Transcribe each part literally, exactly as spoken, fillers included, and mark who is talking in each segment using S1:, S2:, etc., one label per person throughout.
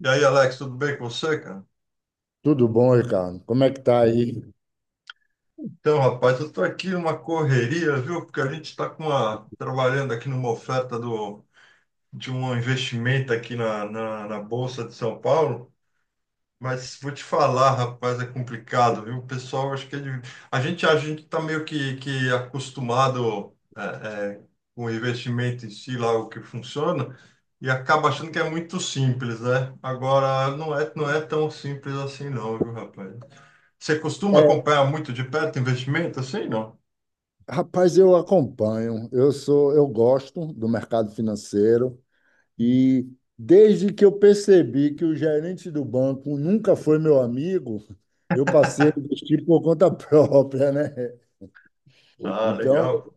S1: E aí, Alex, tudo bem com você, cara?
S2: Tudo bom, Ricardo? Como é que tá aí?
S1: Então, rapaz, eu estou aqui numa correria, viu? Porque a gente está com uma, trabalhando aqui numa oferta do, de um investimento aqui na, na, na Bolsa de São Paulo. Mas vou te falar, rapaz, é complicado, viu? O pessoal, acho que é de- a gente a gente está meio que, que acostumado é, é, com o investimento em si, lá o que funciona, e acaba achando que é muito simples, né? Agora, não é, não é tão simples assim, não, viu, rapaz? Você costuma
S2: É,
S1: acompanhar muito de perto investimento assim, não?
S2: rapaz, eu acompanho. Eu sou, eu gosto do mercado financeiro e desde que eu percebi que o gerente do banco nunca foi meu amigo, eu passei a investir por conta própria, né?
S1: Ah,
S2: Então,
S1: legal.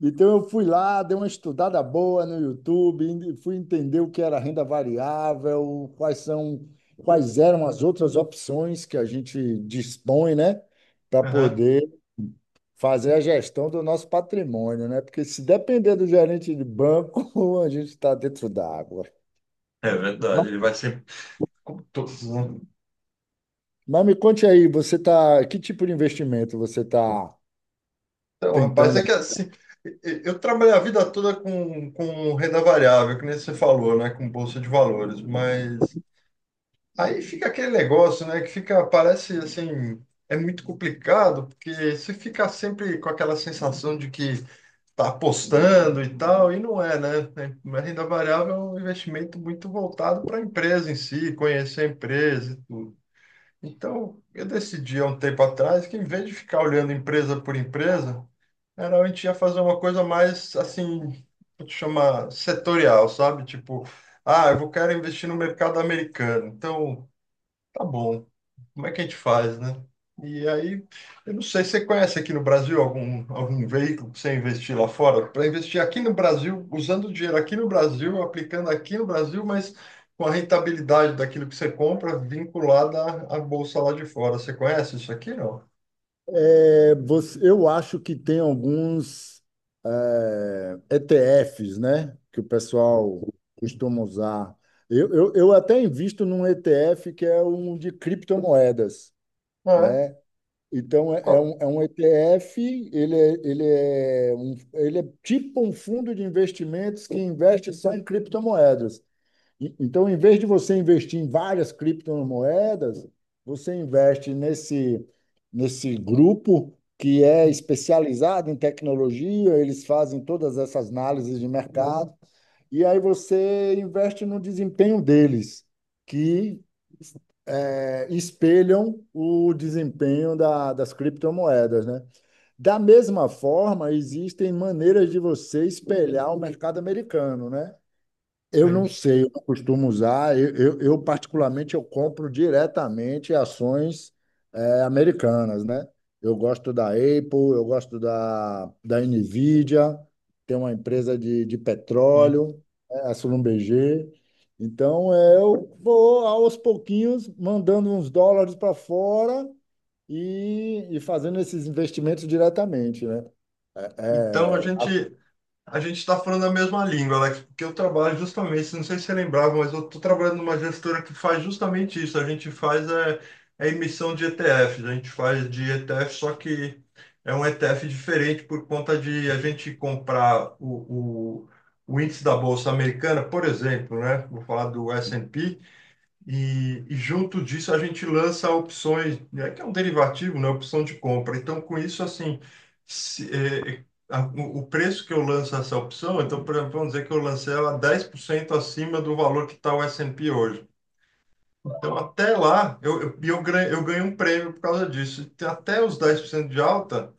S2: então eu fui lá, dei uma estudada boa no YouTube, e fui entender o que era renda variável, quais são, quais eram as outras opções que a gente dispõe, né? Para
S1: Aham.
S2: poder fazer a gestão do nosso patrimônio, né? Porque se depender do gerente de banco, a gente está dentro d'água.
S1: É verdade,
S2: Mas,
S1: ele vai sempre. Como todo né?
S2: mas me conte aí, você tá, que tipo de investimento você está
S1: Então, rapaz,
S2: tentando?
S1: é que assim, e- e- eu trabalhei a vida toda com, com renda variável, que nem você falou, né? Com bolsa de valores, mas aí fica aquele negócio, né? Que fica, parece assim, é muito complicado, porque você fica sempre com aquela sensação de que tá apostando e tal, e não é, né? A renda variável é um investimento muito voltado para a empresa em si, conhecer a empresa e tudo. Então, eu decidi há um tempo atrás que, em vez de ficar olhando empresa por empresa, era a gente ia fazer uma coisa mais, assim, vou te chamar setorial, sabe? Tipo, ah, eu vou quero investir no mercado americano. Então, tá bom. Como é que a gente faz, né? E aí, eu não sei, você conhece aqui no Brasil algum, algum veículo para você investir lá fora? Para investir aqui no Brasil, usando o dinheiro aqui no Brasil, aplicando aqui no Brasil, mas com a rentabilidade daquilo que você compra vinculada à à bolsa lá de fora. Você conhece isso aqui, não?
S2: É, você- eu acho que tem alguns é, E T Efes, né? Que o pessoal costuma usar. Eu, eu, eu até invisto num ETF que é um de criptomoedas,
S1: Não é?
S2: né? Então, é é
S1: Qual-
S2: um, é um ETF, ele é, ele é, um, ele é tipo um fundo de investimentos que investe só em criptomoedas. E- Então, em vez de você investir em várias criptomoedas, você investe nesse, nesse grupo que é especializado em tecnologia, eles fazem todas essas análises de mercado e aí você investe no desempenho deles, que é, espelham o desempenho da- das criptomoedas, né? Da mesma forma, existem maneiras de você espelhar o mercado americano, né? Eu
S1: É
S2: não
S1: isso.
S2: sei, eu não costumo usar. Eu, eu, eu, particularmente, eu compro diretamente ações eh, americanas, né? Eu gosto da Apple, eu gosto da, da Nvidia, tem uma empresa de, de
S1: Sim.
S2: petróleo, eh, a Schlumberger. Então, eh, eu vou aos pouquinhos mandando uns dólares para fora e, e fazendo esses investimentos diretamente, né?
S1: Então, a
S2: É,
S1: gente A gente está falando a mesma língua, Alex, porque eu trabalho justamente, não sei se você lembrava, mas eu estou trabalhando numa gestora que faz justamente isso. A gente faz é, a emissão de E T Fs, a gente faz de E T F, só que é um E T F diferente por conta de a gente comprar o, o, o índice da Bolsa Americana, por exemplo, né? Vou falar do S e P, e, e junto disso a gente lança opções, né, que é um derivativo, né, opção de compra. Então, com isso, assim, se- é, a- o o preço que eu lanço essa opção, então, por exemplo, vamos dizer que eu lancei ela dez por cento acima do valor que está o S e P hoje. Então, até lá, eu, eu, e eu, ganho, eu ganho um prêmio por causa disso. Então, até os dez por cento de alta,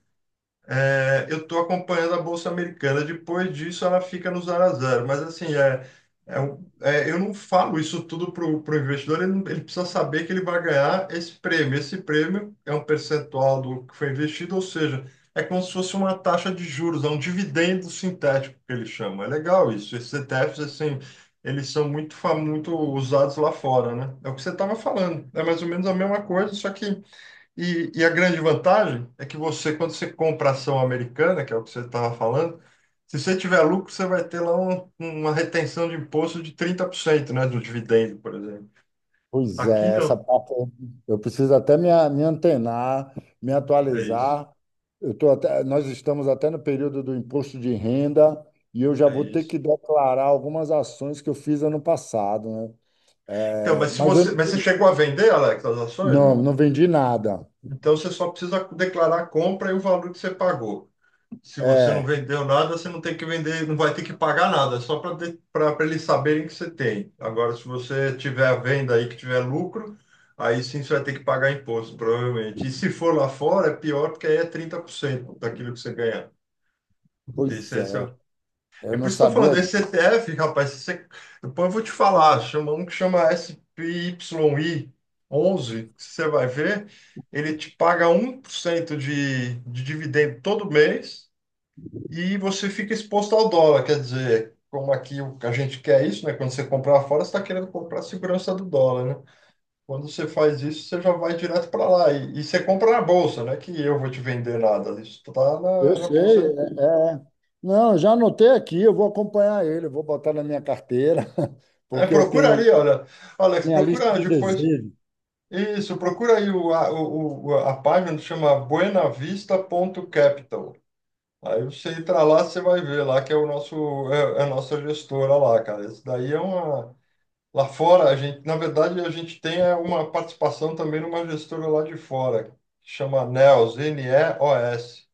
S1: é, eu estou acompanhando a Bolsa Americana. Depois disso, ela fica no zero a zero. Mas, assim, é, é, um- é, eu não falo isso tudo para o investidor. Ele, não- ele precisa saber que ele vai ganhar esse prêmio. Esse prêmio é um percentual do que foi investido, ou seja, é como se fosse uma taxa de juros, é um dividendo sintético que ele chama. É legal isso. Esses E T Fs, assim, eles são muito, fa- muito usados lá fora, né? É o que você estava falando. É mais ou menos a mesma coisa, só que e, e a grande vantagem é que você, quando você compra ação americana, que é o que você estava falando, se você tiver lucro, você vai ter lá um- uma retenção de imposto de trinta por cento né, do dividendo, por exemplo.
S2: Pois
S1: Aqui
S2: é, essa
S1: não.
S2: parte eu eu preciso até me, a- me antenar, me
S1: É isso.
S2: atualizar. Eu tô até, nós estamos até no período do imposto de renda e eu já
S1: É
S2: vou ter
S1: isso.
S2: que declarar algumas ações que eu fiz ano passado, né?
S1: Então,
S2: É,
S1: mas se
S2: Mas eu
S1: você, mas você chegou a vender, Alex, as ações,
S2: não,
S1: não?
S2: não vendi nada.
S1: Então você só precisa declarar a compra e o valor que você pagou. Se você não
S2: É,
S1: vendeu nada, você não tem que vender, não vai ter que pagar nada, é só para eles saberem que você tem. Agora, se você tiver a venda aí que tiver lucro, aí sim você vai ter que pagar imposto, provavelmente. E se for lá fora, é pior, porque aí é trinta por cento daquilo que você ganhar.
S2: pois
S1: Esse, esse é,
S2: é,
S1: o- é
S2: eu
S1: por
S2: não
S1: isso estou
S2: sabia
S1: falando, esse
S2: disso.
S1: E T F, rapaz, você- depois eu vou te falar, chama um que chama S P Y I onze, que você vai ver, ele te paga um por cento de, de dividendo todo mês e você fica exposto ao dólar, quer dizer, como aqui o- a gente quer isso, né? Quando você comprar fora, você está querendo comprar a segurança do dólar, né? Quando você faz isso, você já vai direto para lá e, e você compra na bolsa, né? Que eu vou te vender nada, isso tá
S2: Eu
S1: na, na
S2: sei,
S1: bolsa.
S2: é, é. Não, eu já anotei aqui, eu vou acompanhar ele, eu vou botar na minha carteira,
S1: É,
S2: porque eu
S1: procura
S2: tenho
S1: ali, olha, Alex,
S2: minha lista
S1: procura
S2: de
S1: depois.
S2: desejos.
S1: Isso, procura aí o, a, o, o- a página que chama buenavista.capital. Aí você entra lá, você vai ver lá que é o nosso é, é a nossa gestora lá, cara. Isso daí é uma. Lá fora, a gente, na verdade, a gente tem é, uma participação também numa gestora lá de fora, que chama NEOS, N E O S,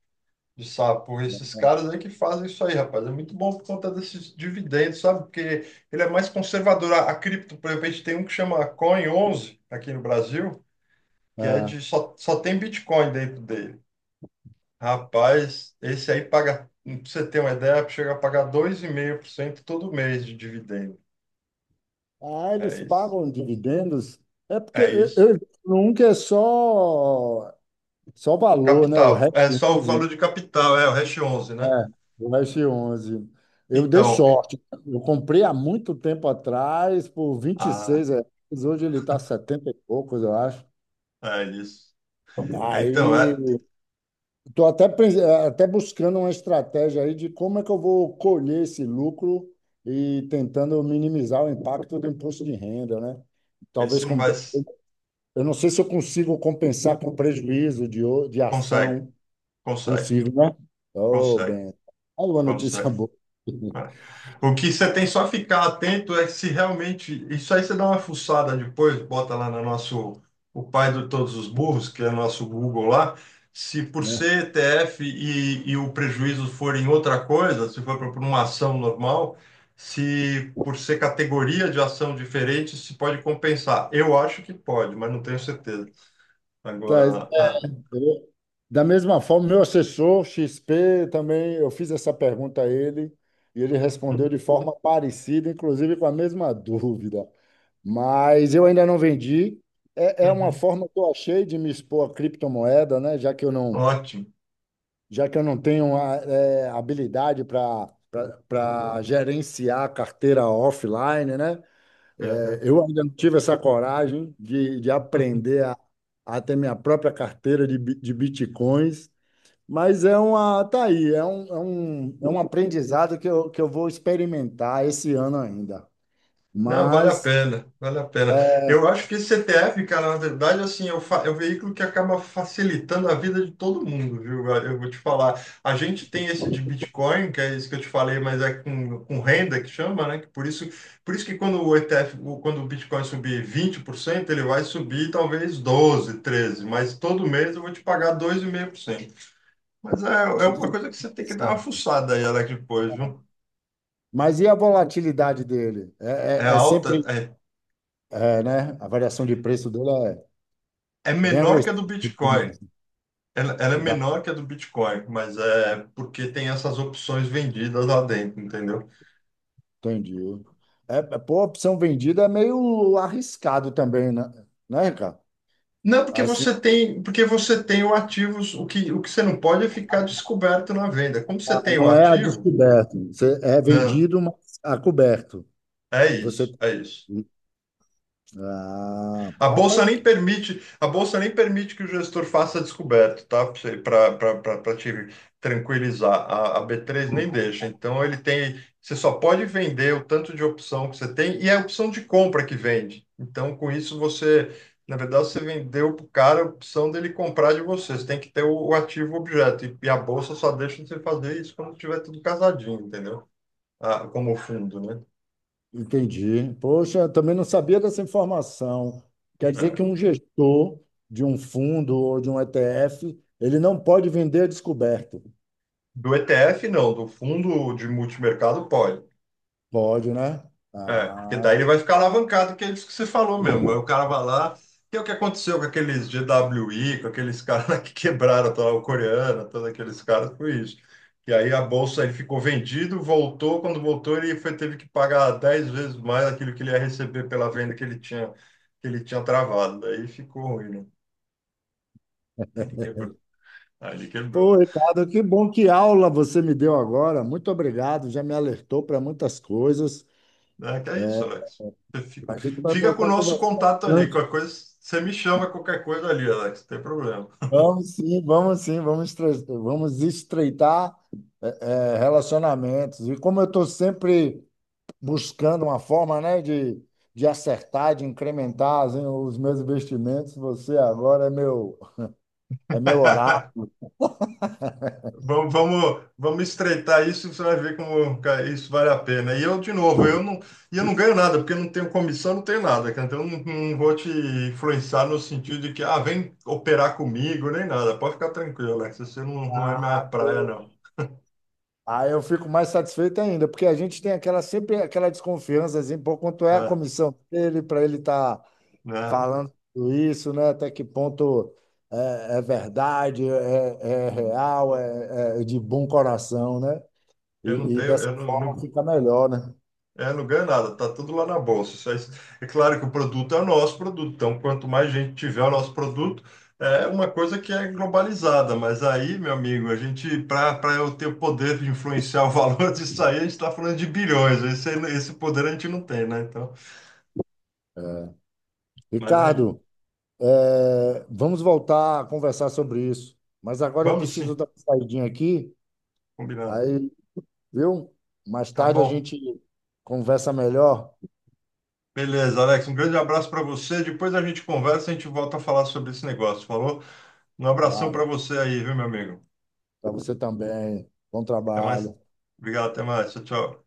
S1: de sapo. Esses caras aí que fazem isso aí, rapaz. É muito bom por conta desses dividendos, sabe? Porque ele é mais conservador. A, a cripto, por exemplo, a gente tem um que chama Coin onze aqui no Brasil, que é de
S2: É.
S1: só, só tem Bitcoin dentro dele. Rapaz, esse aí paga, pra você ter uma ideia, chega a pagar dois vírgula cinco por cento todo mês de dividendo.
S2: Ah,
S1: É
S2: eles
S1: isso.
S2: pagam dividendos? É porque
S1: É
S2: eu,
S1: isso.
S2: eu, nunca é só, só valor, né? O
S1: Capital.
S2: Hash
S1: É só o
S2: onze,
S1: valor de capital, é o hash onze,
S2: é,
S1: né?
S2: o Hash onze. Eu dei
S1: Então,
S2: sorte. Eu comprei há muito tempo atrás por 26
S1: ah,
S2: reais. Hoje ele está setenta e poucos, eu acho.
S1: é isso. É, então,
S2: Aí
S1: é,
S2: estou até, pens- até buscando uma estratégia aí de como é que eu vou colher esse lucro e tentando minimizar o impacto do imposto de renda, né?
S1: esse
S2: Talvez
S1: não
S2: com-
S1: vai. S-
S2: Eu não sei se eu consigo compensar com prejuízo de, o- de
S1: Consegue,
S2: ação.
S1: consegue,
S2: Consigo, né? Oh,
S1: consegue,
S2: bem. Aí uma notícia
S1: consegue.
S2: boa,
S1: O que você tem só ficar atento é se realmente. Isso aí você dá uma fuçada depois, bota lá no nosso. O pai de todos os burros, que é o nosso Google lá. Se por
S2: né?
S1: ser E T F e, e o prejuízo for em outra coisa, se for por uma ação normal, se por ser categoria de ação diferente, se pode compensar. Eu acho que pode, mas não tenho certeza.
S2: Tá,
S1: Agora. A-
S2: eu- da mesma forma, meu assessor xis pê também, eu fiz essa pergunta a ele e ele respondeu de forma parecida, inclusive com a mesma dúvida. Mas eu ainda não vendi. É, é uma
S1: Uhum.
S2: forma que eu achei de me expor à criptomoeda, né? Já que eu não,
S1: Ótimo.
S2: já que eu não tenho a, é, habilidade para para gerenciar a carteira offline, né?
S1: É,
S2: É,
S1: né?
S2: eu ainda não tive essa coragem de, de aprender a, a ter minha própria carteira de, bi- de bitcoins, mas é uma, tá aí, é um, é um, é um aprendizado que eu, que eu vou experimentar esse ano ainda.
S1: Não, vale a
S2: Mas
S1: pena, vale a pena.
S2: é,
S1: Eu acho que esse C T F, cara, na verdade, assim, é o, fa- é o veículo que acaba facilitando a vida de todo mundo, viu? Eu vou te falar. A gente tem esse de Bitcoin, que é isso que eu te falei, mas é com, com renda que chama, né? Que por isso, por isso que quando o E T F, o- quando o Bitcoin subir vinte por cento ele vai subir talvez doze treze mas todo mês eu vou te pagar dois vírgula cinco por cento. Mas é, é uma coisa que você tem que dar uma fuçada aí, Alex, depois, viu?
S2: mas e a volatilidade dele?
S1: É
S2: É, é- é
S1: alta,
S2: sempre,
S1: é,
S2: é, né? A variação de preço dele é
S1: é
S2: bem
S1: menor que a
S2: agressivo,
S1: do Bitcoin. Ela, ela é
S2: tá?
S1: menor que a do Bitcoin, mas é porque tem essas opções vendidas lá dentro, entendeu?
S2: Entendi. É, é, pô, opção vendida é meio arriscado também, né, né, Ricardo?
S1: Não, porque
S2: Assim,
S1: você tem, porque você tem o ativo, o que, o que você não pode é ficar descoberto na venda. Como você
S2: a-
S1: tem o
S2: não é a
S1: ativo,
S2: descoberto. Você é
S1: não,
S2: vendido, mas a coberto.
S1: é
S2: Você.
S1: isso, é isso.
S2: Ah,
S1: A bolsa
S2: rapaz,
S1: nem
S2: que-
S1: permite, a bolsa nem permite que o gestor faça descoberto, tá? Para te tranquilizar, a, a bê três nem deixa. Então ele tem, você só pode vender o tanto de opção que você tem e é a opção de compra que vende. Então com isso você, na verdade, você vendeu para o cara a opção dele comprar de você. Você tem que ter o, o ativo objeto e, e a bolsa só deixa você fazer isso quando tiver tudo casadinho, entendeu? Ah, como fundo, né?
S2: entendi. Poxa, eu também não sabia dessa informação. Quer dizer que um
S1: É.
S2: gestor de um fundo ou de um ETF, ele não pode vender a descoberto.
S1: Do E T F não, do fundo de multimercado pode.
S2: Pode, né?
S1: É, porque
S2: Ah,
S1: daí ele vai ficar alavancado, que é isso que você falou mesmo. Aí o cara vai lá, que é o que aconteceu com aqueles G W I, com aqueles caras lá que quebraram toda a coreana, todos aqueles caras, foi isso. E aí a bolsa ele ficou vendido, voltou, quando voltou ele foi, teve que pagar dez vezes mais aquilo que ele ia receber pela venda que ele tinha, que ele tinha, travado. Daí ficou ruim, né? Aí ele quebrou. Aí ele
S2: ô
S1: quebrou.
S2: Ricardo, que bom que aula você me deu agora. Muito obrigado, já me alertou para muitas coisas.
S1: É, que é isso, Alex. Você fi-
S2: A gente vai
S1: Fica com o
S2: voltar a
S1: nosso
S2: conversar
S1: contato ali,
S2: bastante.
S1: qualquer coisa, você me chama qualquer coisa ali, Alex, não tem problema.
S2: Vamos sim, vamos sim, vamos, estre- vamos estreitar eh, eh, relacionamentos. E como eu estou sempre buscando uma forma, né, de, de acertar, de incrementar assim, os meus investimentos, você agora é meu, é meu oráculo.
S1: Vamos, vamos, vamos estreitar isso, você vai ver como cara, isso vale a pena. E eu, de novo, eu não, e eu não ganho nada, porque eu não tenho comissão, não tenho nada, cara. Então, eu não, não vou te influenciar no sentido de que, ah, vem operar comigo, nem nada. Pode ficar tranquilo, Alex, você não, não é minha praia, não.
S2: Aí eu fico mais satisfeito ainda, porque a gente tem aquela sempre aquela desconfiança, assim, pô, quanto é a
S1: Ah,
S2: comissão dele para ele estar
S1: né?
S2: falando tudo isso, né? Até que ponto é, é verdade, é, é
S1: Uhum.
S2: real, é, é de bom coração, né?
S1: Eu não
S2: E, e
S1: tenho,
S2: dessa
S1: eu não,
S2: forma
S1: não-
S2: fica melhor, né?
S1: É, não ganha nada, tá tudo lá na bolsa. Isso é, é claro que o produto é o nosso produto, então quanto mais gente tiver o nosso produto, é uma coisa que é globalizada, mas aí, meu amigo, a gente, para para eu ter o poder de influenciar o valor disso aí, a gente está falando de bilhões, esse, esse poder a gente não tem, né? Então, mas aí,
S2: Ricardo, é, vamos voltar a conversar sobre isso, mas agora eu
S1: vamos
S2: preciso
S1: sim,
S2: dar uma saidinha aqui,
S1: combinado.
S2: aí, viu? Mais
S1: Tá
S2: tarde a
S1: bom.
S2: gente conversa melhor.
S1: Beleza, Alex, um grande abraço para você. Depois a gente conversa, a gente volta a falar sobre esse negócio, falou? Um abração para
S2: Claro.
S1: você aí, viu, meu amigo?
S2: Para você também. Bom
S1: Até
S2: trabalho.
S1: mais. Obrigado, até mais. Tchau, tchau.